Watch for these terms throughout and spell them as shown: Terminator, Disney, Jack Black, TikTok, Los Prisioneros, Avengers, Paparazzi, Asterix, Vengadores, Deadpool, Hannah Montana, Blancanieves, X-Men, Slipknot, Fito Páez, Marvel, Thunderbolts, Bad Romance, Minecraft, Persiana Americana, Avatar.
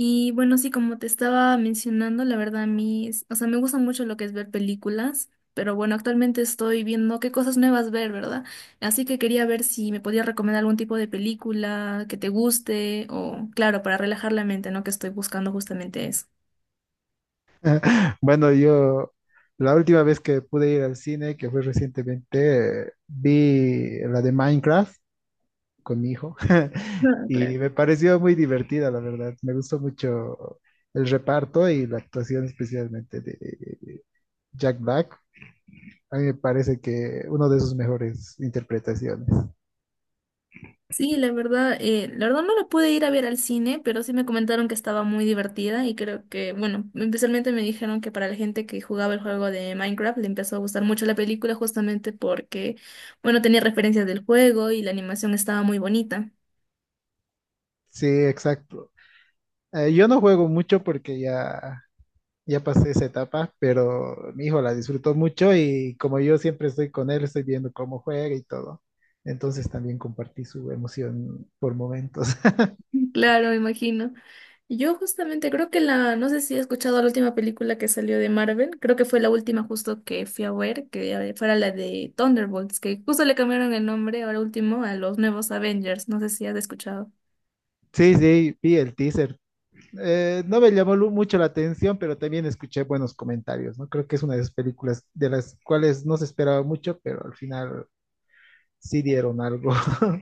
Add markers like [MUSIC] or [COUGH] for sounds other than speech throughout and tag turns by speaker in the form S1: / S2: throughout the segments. S1: Y bueno, sí, como te estaba mencionando, la verdad a mí, o sea, me gusta mucho lo que es ver películas, pero bueno, actualmente estoy viendo qué cosas nuevas ver, ¿verdad? Así que quería ver si me podías recomendar algún tipo de película que te guste o, claro, para relajar la mente, ¿no? Que estoy buscando justamente eso.
S2: Bueno, yo la última vez que pude ir al cine, que fue recientemente, vi la de Minecraft con mi hijo [LAUGHS]
S1: [LAUGHS]
S2: y
S1: Claro.
S2: me pareció muy divertida, la verdad. Me gustó mucho el reparto y la actuación especialmente de Jack Black. A mí me parece que uno de sus mejores interpretaciones.
S1: Sí, la verdad no la pude ir a ver al cine, pero sí me comentaron que estaba muy divertida y creo que, bueno, especialmente me dijeron que para la gente que jugaba el juego de Minecraft le empezó a gustar mucho la película justamente porque, bueno, tenía referencias del juego y la animación estaba muy bonita.
S2: Sí, exacto. Yo no juego mucho porque ya pasé esa etapa, pero mi hijo la disfrutó mucho y como yo siempre estoy con él, estoy viendo cómo juega y todo. Entonces también compartí su emoción por momentos. [LAUGHS]
S1: [LAUGHS] Claro, me imagino. Yo justamente creo que la, no sé si he escuchado la última película que salió de Marvel, creo que fue la última justo que fui a ver, que fuera la de Thunderbolts, que justo le cambiaron el nombre ahora último a los nuevos Avengers, no sé si has escuchado.
S2: Sí, sí, vi el teaser. No me llamó mucho la atención, pero también escuché buenos comentarios, ¿no? Creo que es una de esas películas de las cuales no se esperaba mucho, pero al final sí dieron algo. [LAUGHS]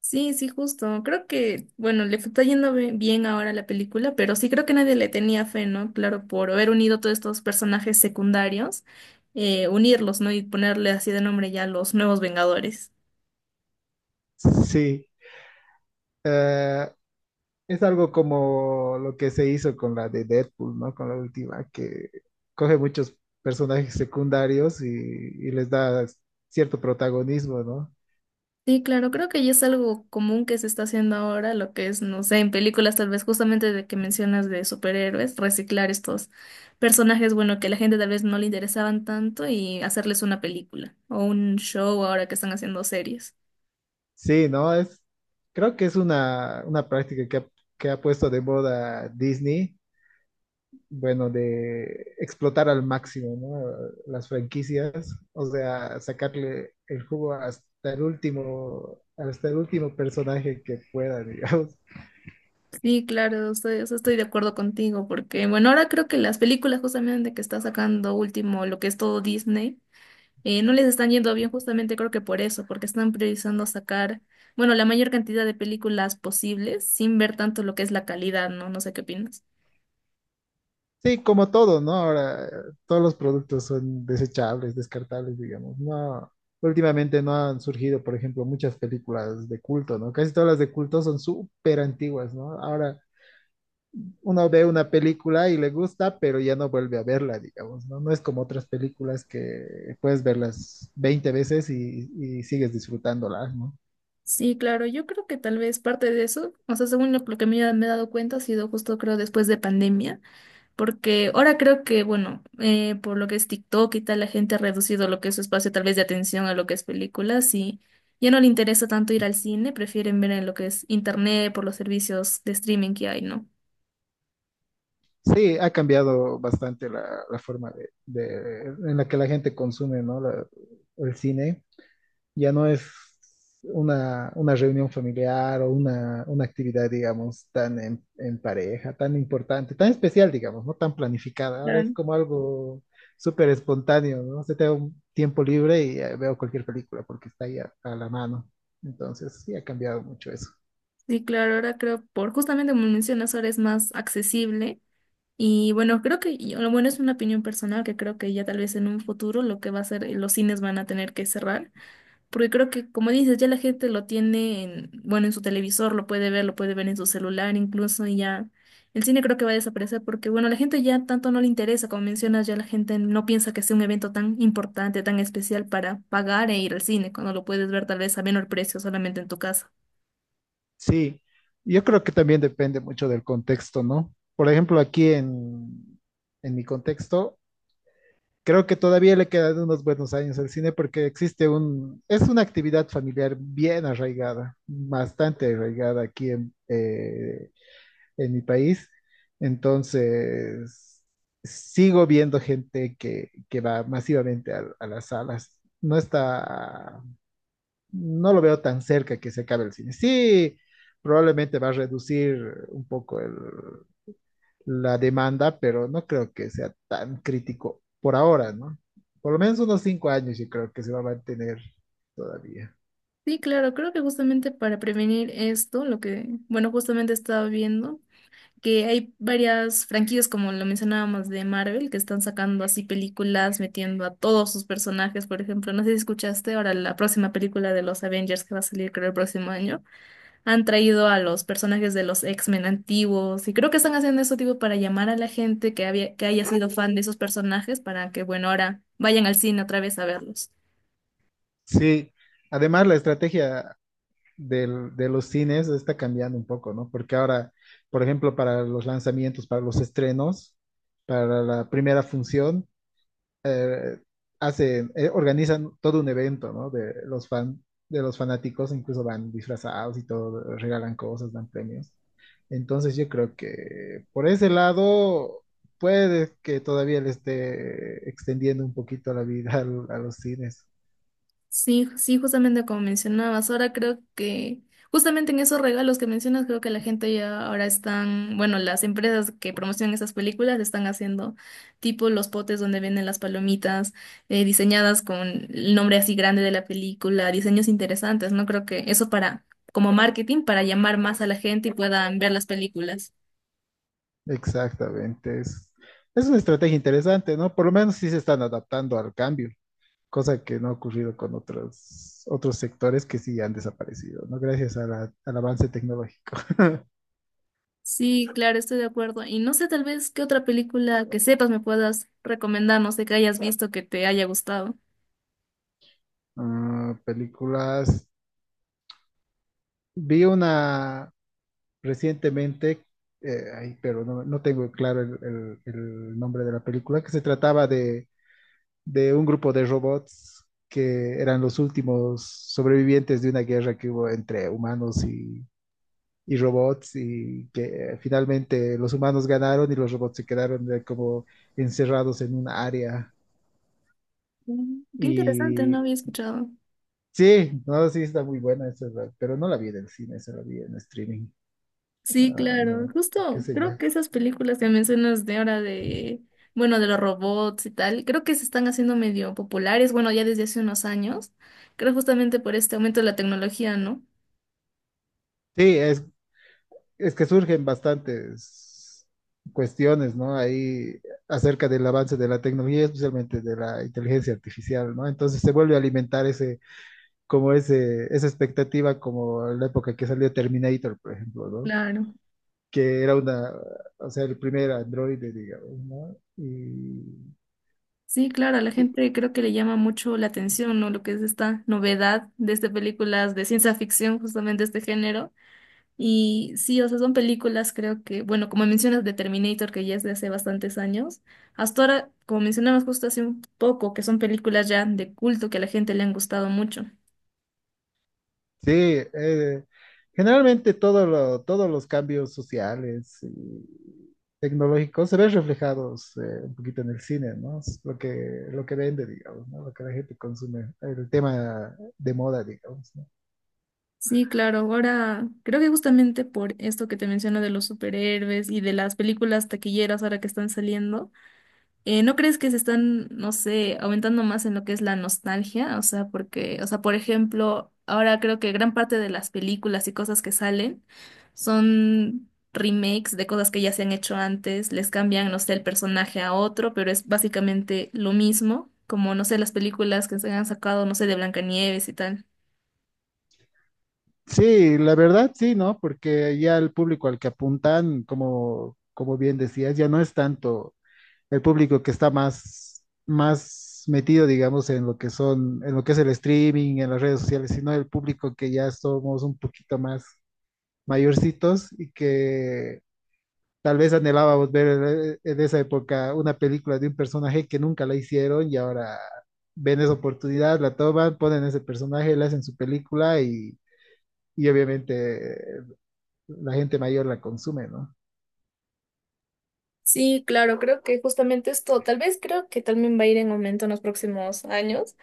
S1: Sí, sí, justo. Creo que, bueno, le está yendo bien ahora a la película, pero sí creo que nadie le tenía fe, ¿no? Claro, por haber unido todos estos personajes secundarios, unirlos, ¿no? Y ponerle así de nombre ya los nuevos Vengadores.
S2: Sí. Eh, Es algo como lo que se hizo con la de Deadpool, ¿no? Con la última, que coge muchos personajes secundarios y les da cierto protagonismo, ¿no?
S1: Sí, claro, creo que ya es algo común que se está haciendo ahora, lo que es, no sé, en películas tal vez justamente de que mencionas de superhéroes, reciclar estos personajes, bueno, que a la gente tal vez no le interesaban tanto y hacerles una película o un show ahora que están haciendo series.
S2: Sí, ¿no? Creo que es una práctica que ha puesto de moda Disney, bueno, de explotar al máximo, ¿no? Las franquicias, o sea, sacarle el jugo hasta el último personaje que pueda, [LAUGHS] digamos.
S1: Sí, claro, estoy, o sea, estoy de acuerdo contigo, porque bueno, ahora creo que las películas justamente que está sacando último, lo que es todo Disney, no les están yendo bien justamente creo que por eso, porque están priorizando sacar, bueno, la mayor cantidad de películas posibles sin ver tanto lo que es la calidad, ¿no? No sé qué opinas.
S2: Sí, como todo, ¿no? Ahora todos los productos son desechables, descartables, digamos. No, últimamente no han surgido, por ejemplo, muchas películas de culto, ¿no? Casi todas las de culto son súper antiguas, ¿no? Ahora uno ve una película y le gusta, pero ya no vuelve a verla, digamos, ¿no? No es como otras películas que puedes verlas 20 veces y sigues disfrutándolas, ¿no?
S1: Sí, claro, yo creo que tal vez parte de eso, o sea, según lo que me, me he dado cuenta, ha sido justo creo después de pandemia. Porque ahora creo que, bueno, por lo que es TikTok y tal, la gente ha reducido lo que es su espacio tal vez de atención a lo que es películas y ya no le interesa tanto ir al cine, prefieren ver en lo que es internet por los servicios de streaming que hay, ¿no?
S2: Sí, ha cambiado bastante la forma en la que la gente consume, ¿no? El cine. Ya no es una reunión familiar o una actividad, digamos, en pareja, tan importante, tan especial, digamos, no tan planificada. Ahora es
S1: Claro.
S2: como algo súper espontáneo, ¿no? Se te da un tiempo libre y veo cualquier película porque está ahí a la mano. Entonces, sí ha cambiado mucho eso.
S1: Sí, claro, ahora creo por justamente como mencionas, ahora es más accesible y bueno, creo que y lo bueno es una opinión personal que creo que ya tal vez en un futuro lo que va a ser los cines van a tener que cerrar. Porque creo que, como dices, ya la gente lo tiene en, bueno, en su televisor, lo puede ver en su celular incluso, y ya el cine creo que va a desaparecer porque, bueno, la gente ya tanto no le interesa, como mencionas, ya la gente no piensa que sea un evento tan importante, tan especial para pagar e ir al cine, cuando lo puedes ver tal vez a menor precio solamente en tu casa.
S2: Sí, yo creo que también depende mucho del contexto, ¿no? Por ejemplo, en mi contexto, creo que todavía le quedan unos buenos años al cine porque es una actividad familiar bien arraigada, bastante arraigada en mi país. Entonces, sigo viendo gente que va masivamente a las salas. No lo veo tan cerca que se acabe el cine. Sí, probablemente va a reducir un poco la demanda, pero no creo que sea tan crítico por ahora, ¿no? Por lo menos unos 5 años yo creo que se va a mantener todavía.
S1: Sí, claro, creo que justamente para prevenir esto, lo que, bueno, justamente estaba viendo que hay varias franquicias, como lo mencionábamos, de Marvel, que están sacando así películas, metiendo a todos sus personajes, por ejemplo, no sé si escuchaste, ahora la próxima película de los Avengers que va a salir creo el próximo año, han traído a los personajes de los X-Men antiguos, y creo que están haciendo eso tipo para llamar a la gente que había, que haya sido fan de esos personajes, para que, bueno, ahora vayan al cine otra vez a verlos.
S2: Sí, además la estrategia de los cines está cambiando un poco, ¿no? Porque ahora, por ejemplo, para los lanzamientos, para los estrenos, para la primera función, eh, organizan todo un evento, ¿no? De los fanáticos, incluso van disfrazados y todo, regalan cosas, dan premios. Entonces yo creo que por ese lado puede que todavía le esté extendiendo un poquito la vida [LAUGHS] los cines.
S1: Sí, sí, justamente como mencionabas, ahora creo que justamente en esos regalos que mencionas, creo que la gente ya ahora están, bueno, las empresas que promocionan esas películas están haciendo tipo los potes donde venden las palomitas diseñadas con el nombre así grande de la película, diseños interesantes, ¿no? Creo que eso para, como marketing, para llamar más a la gente y puedan ver las películas.
S2: Exactamente. Es una estrategia interesante, ¿no? Por lo menos sí se están adaptando al cambio, cosa que no ha ocurrido con otros, otros sectores que sí han desaparecido, ¿no? Gracias a al avance tecnológico.
S1: Sí, claro, estoy de acuerdo. Y no sé, tal vez qué otra película que sepas me puedas recomendar, no sé, que hayas visto que te haya gustado.
S2: Ah, películas. Vi una recientemente, ay, pero no, no tengo claro el nombre de la película, que se trataba de un grupo de robots que eran los últimos sobrevivientes de una guerra que hubo entre humanos y robots y que finalmente los humanos ganaron y los robots se quedaron como encerrados en un área.
S1: Mm, qué interesante, no
S2: Y
S1: había escuchado.
S2: sí, no, sí está muy buena esa, pero no la vi en el cine, esa la vi en streaming.
S1: Sí,
S2: Ay,
S1: claro,
S2: no, qué
S1: justo
S2: sé yo.
S1: creo que esas películas que mencionas de ahora de, bueno, de los robots y tal, creo que se están haciendo medio populares, bueno, ya desde hace unos años, creo justamente por este aumento de la tecnología, ¿no?
S2: Sí, es que surgen bastantes cuestiones, ¿no? Ahí acerca del avance de la tecnología, especialmente de la inteligencia artificial, ¿no? Entonces se vuelve a alimentar esa expectativa, como en la época que salió Terminator, por ejemplo, ¿no?
S1: Claro.
S2: Que era una, o sea, el primer androide, digamos, ¿no?
S1: Sí, claro, a la
S2: Y,
S1: gente creo que le llama mucho la atención, ¿no? Lo que es esta novedad de estas películas de ciencia ficción, justamente este género. Y sí, o sea, son películas, creo que, bueno, como mencionas de Terminator, que ya es de hace bastantes años, hasta ahora, como mencionamos justo hace un poco, que son películas ya de culto que a la gente le han gustado mucho.
S2: Sí, generalmente todos los cambios sociales y tecnológicos se ven reflejados un poquito en el cine, ¿no? Es lo que vende, digamos, ¿no? Lo que la gente consume, el tema de moda, digamos, ¿no?
S1: Sí, claro, ahora creo que justamente por esto que te menciono de los superhéroes y de las películas taquilleras ahora que están saliendo. ¿No crees que se están, no sé, aumentando más en lo que es la nostalgia? O sea, porque, o sea, por ejemplo, ahora creo que gran parte de las películas y cosas que salen son remakes de cosas que ya se han hecho antes, les cambian, no sé, el personaje a otro, pero es básicamente lo mismo, como, no sé, las películas que se han sacado, no sé, de Blancanieves y tal.
S2: Sí, la verdad sí, ¿no? Porque ya el público al que apuntan, como, como bien decías, ya no es tanto. El público que está más metido, digamos, en en lo que es el streaming, en las redes sociales, sino el público que ya somos un poquito más mayorcitos y que tal vez anhelábamos ver en esa época una película de un personaje que nunca la hicieron y ahora ven esa oportunidad, la toman, ponen ese personaje, la hacen su película y obviamente la gente mayor la consume, ¿no?
S1: Sí, claro, creo que justamente esto, tal vez creo que también va a ir en aumento en los próximos años.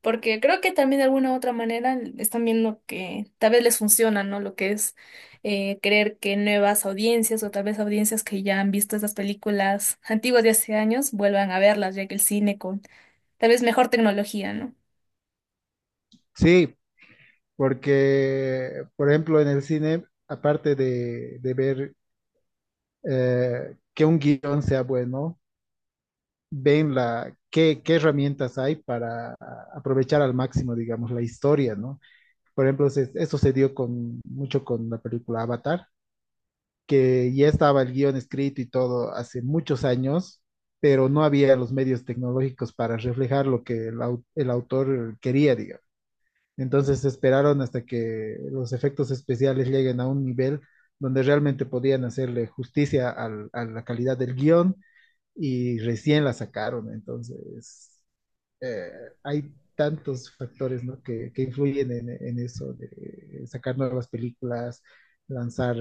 S1: Porque creo que también de alguna u otra manera están viendo que tal vez les funciona, ¿no? Lo que es creer que nuevas audiencias o tal vez audiencias que ya han visto esas películas antiguas de hace años vuelvan a verlas, ya que el cine con tal vez mejor tecnología, ¿no?
S2: Sí, porque, por ejemplo, en el cine, de ver que un guión sea bueno, ven qué herramientas hay para aprovechar al máximo, digamos, la historia, ¿no? Por ejemplo, eso se dio mucho con la película Avatar, que ya estaba el guión escrito y todo hace muchos años, pero no había los medios tecnológicos para reflejar lo que el autor quería, digamos. Entonces esperaron hasta que los efectos especiales lleguen a un nivel donde realmente podían hacerle justicia a la calidad del guión y recién la sacaron. Entonces, eh, hay tantos factores, ¿no? Que influyen en eso de sacar nuevas películas, lanzar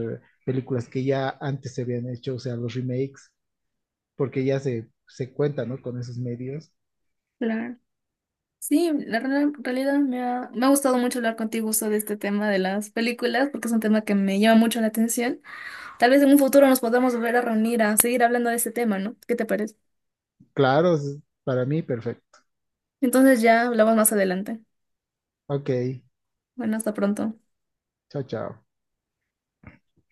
S2: películas que ya antes se habían hecho, o sea, los remakes, porque ya se cuenta, ¿no? con esos medios.
S1: Claro. Sí, la en realidad me ha gustado mucho hablar contigo sobre este tema de las películas, porque es un tema que me llama mucho la atención. Tal vez en un futuro nos podamos volver a reunir a seguir hablando de este tema, ¿no? ¿Qué te parece?
S2: Claro, para mí, perfecto.
S1: Entonces ya hablamos más adelante.
S2: Ok,
S1: Bueno, hasta pronto.
S2: chao, chao.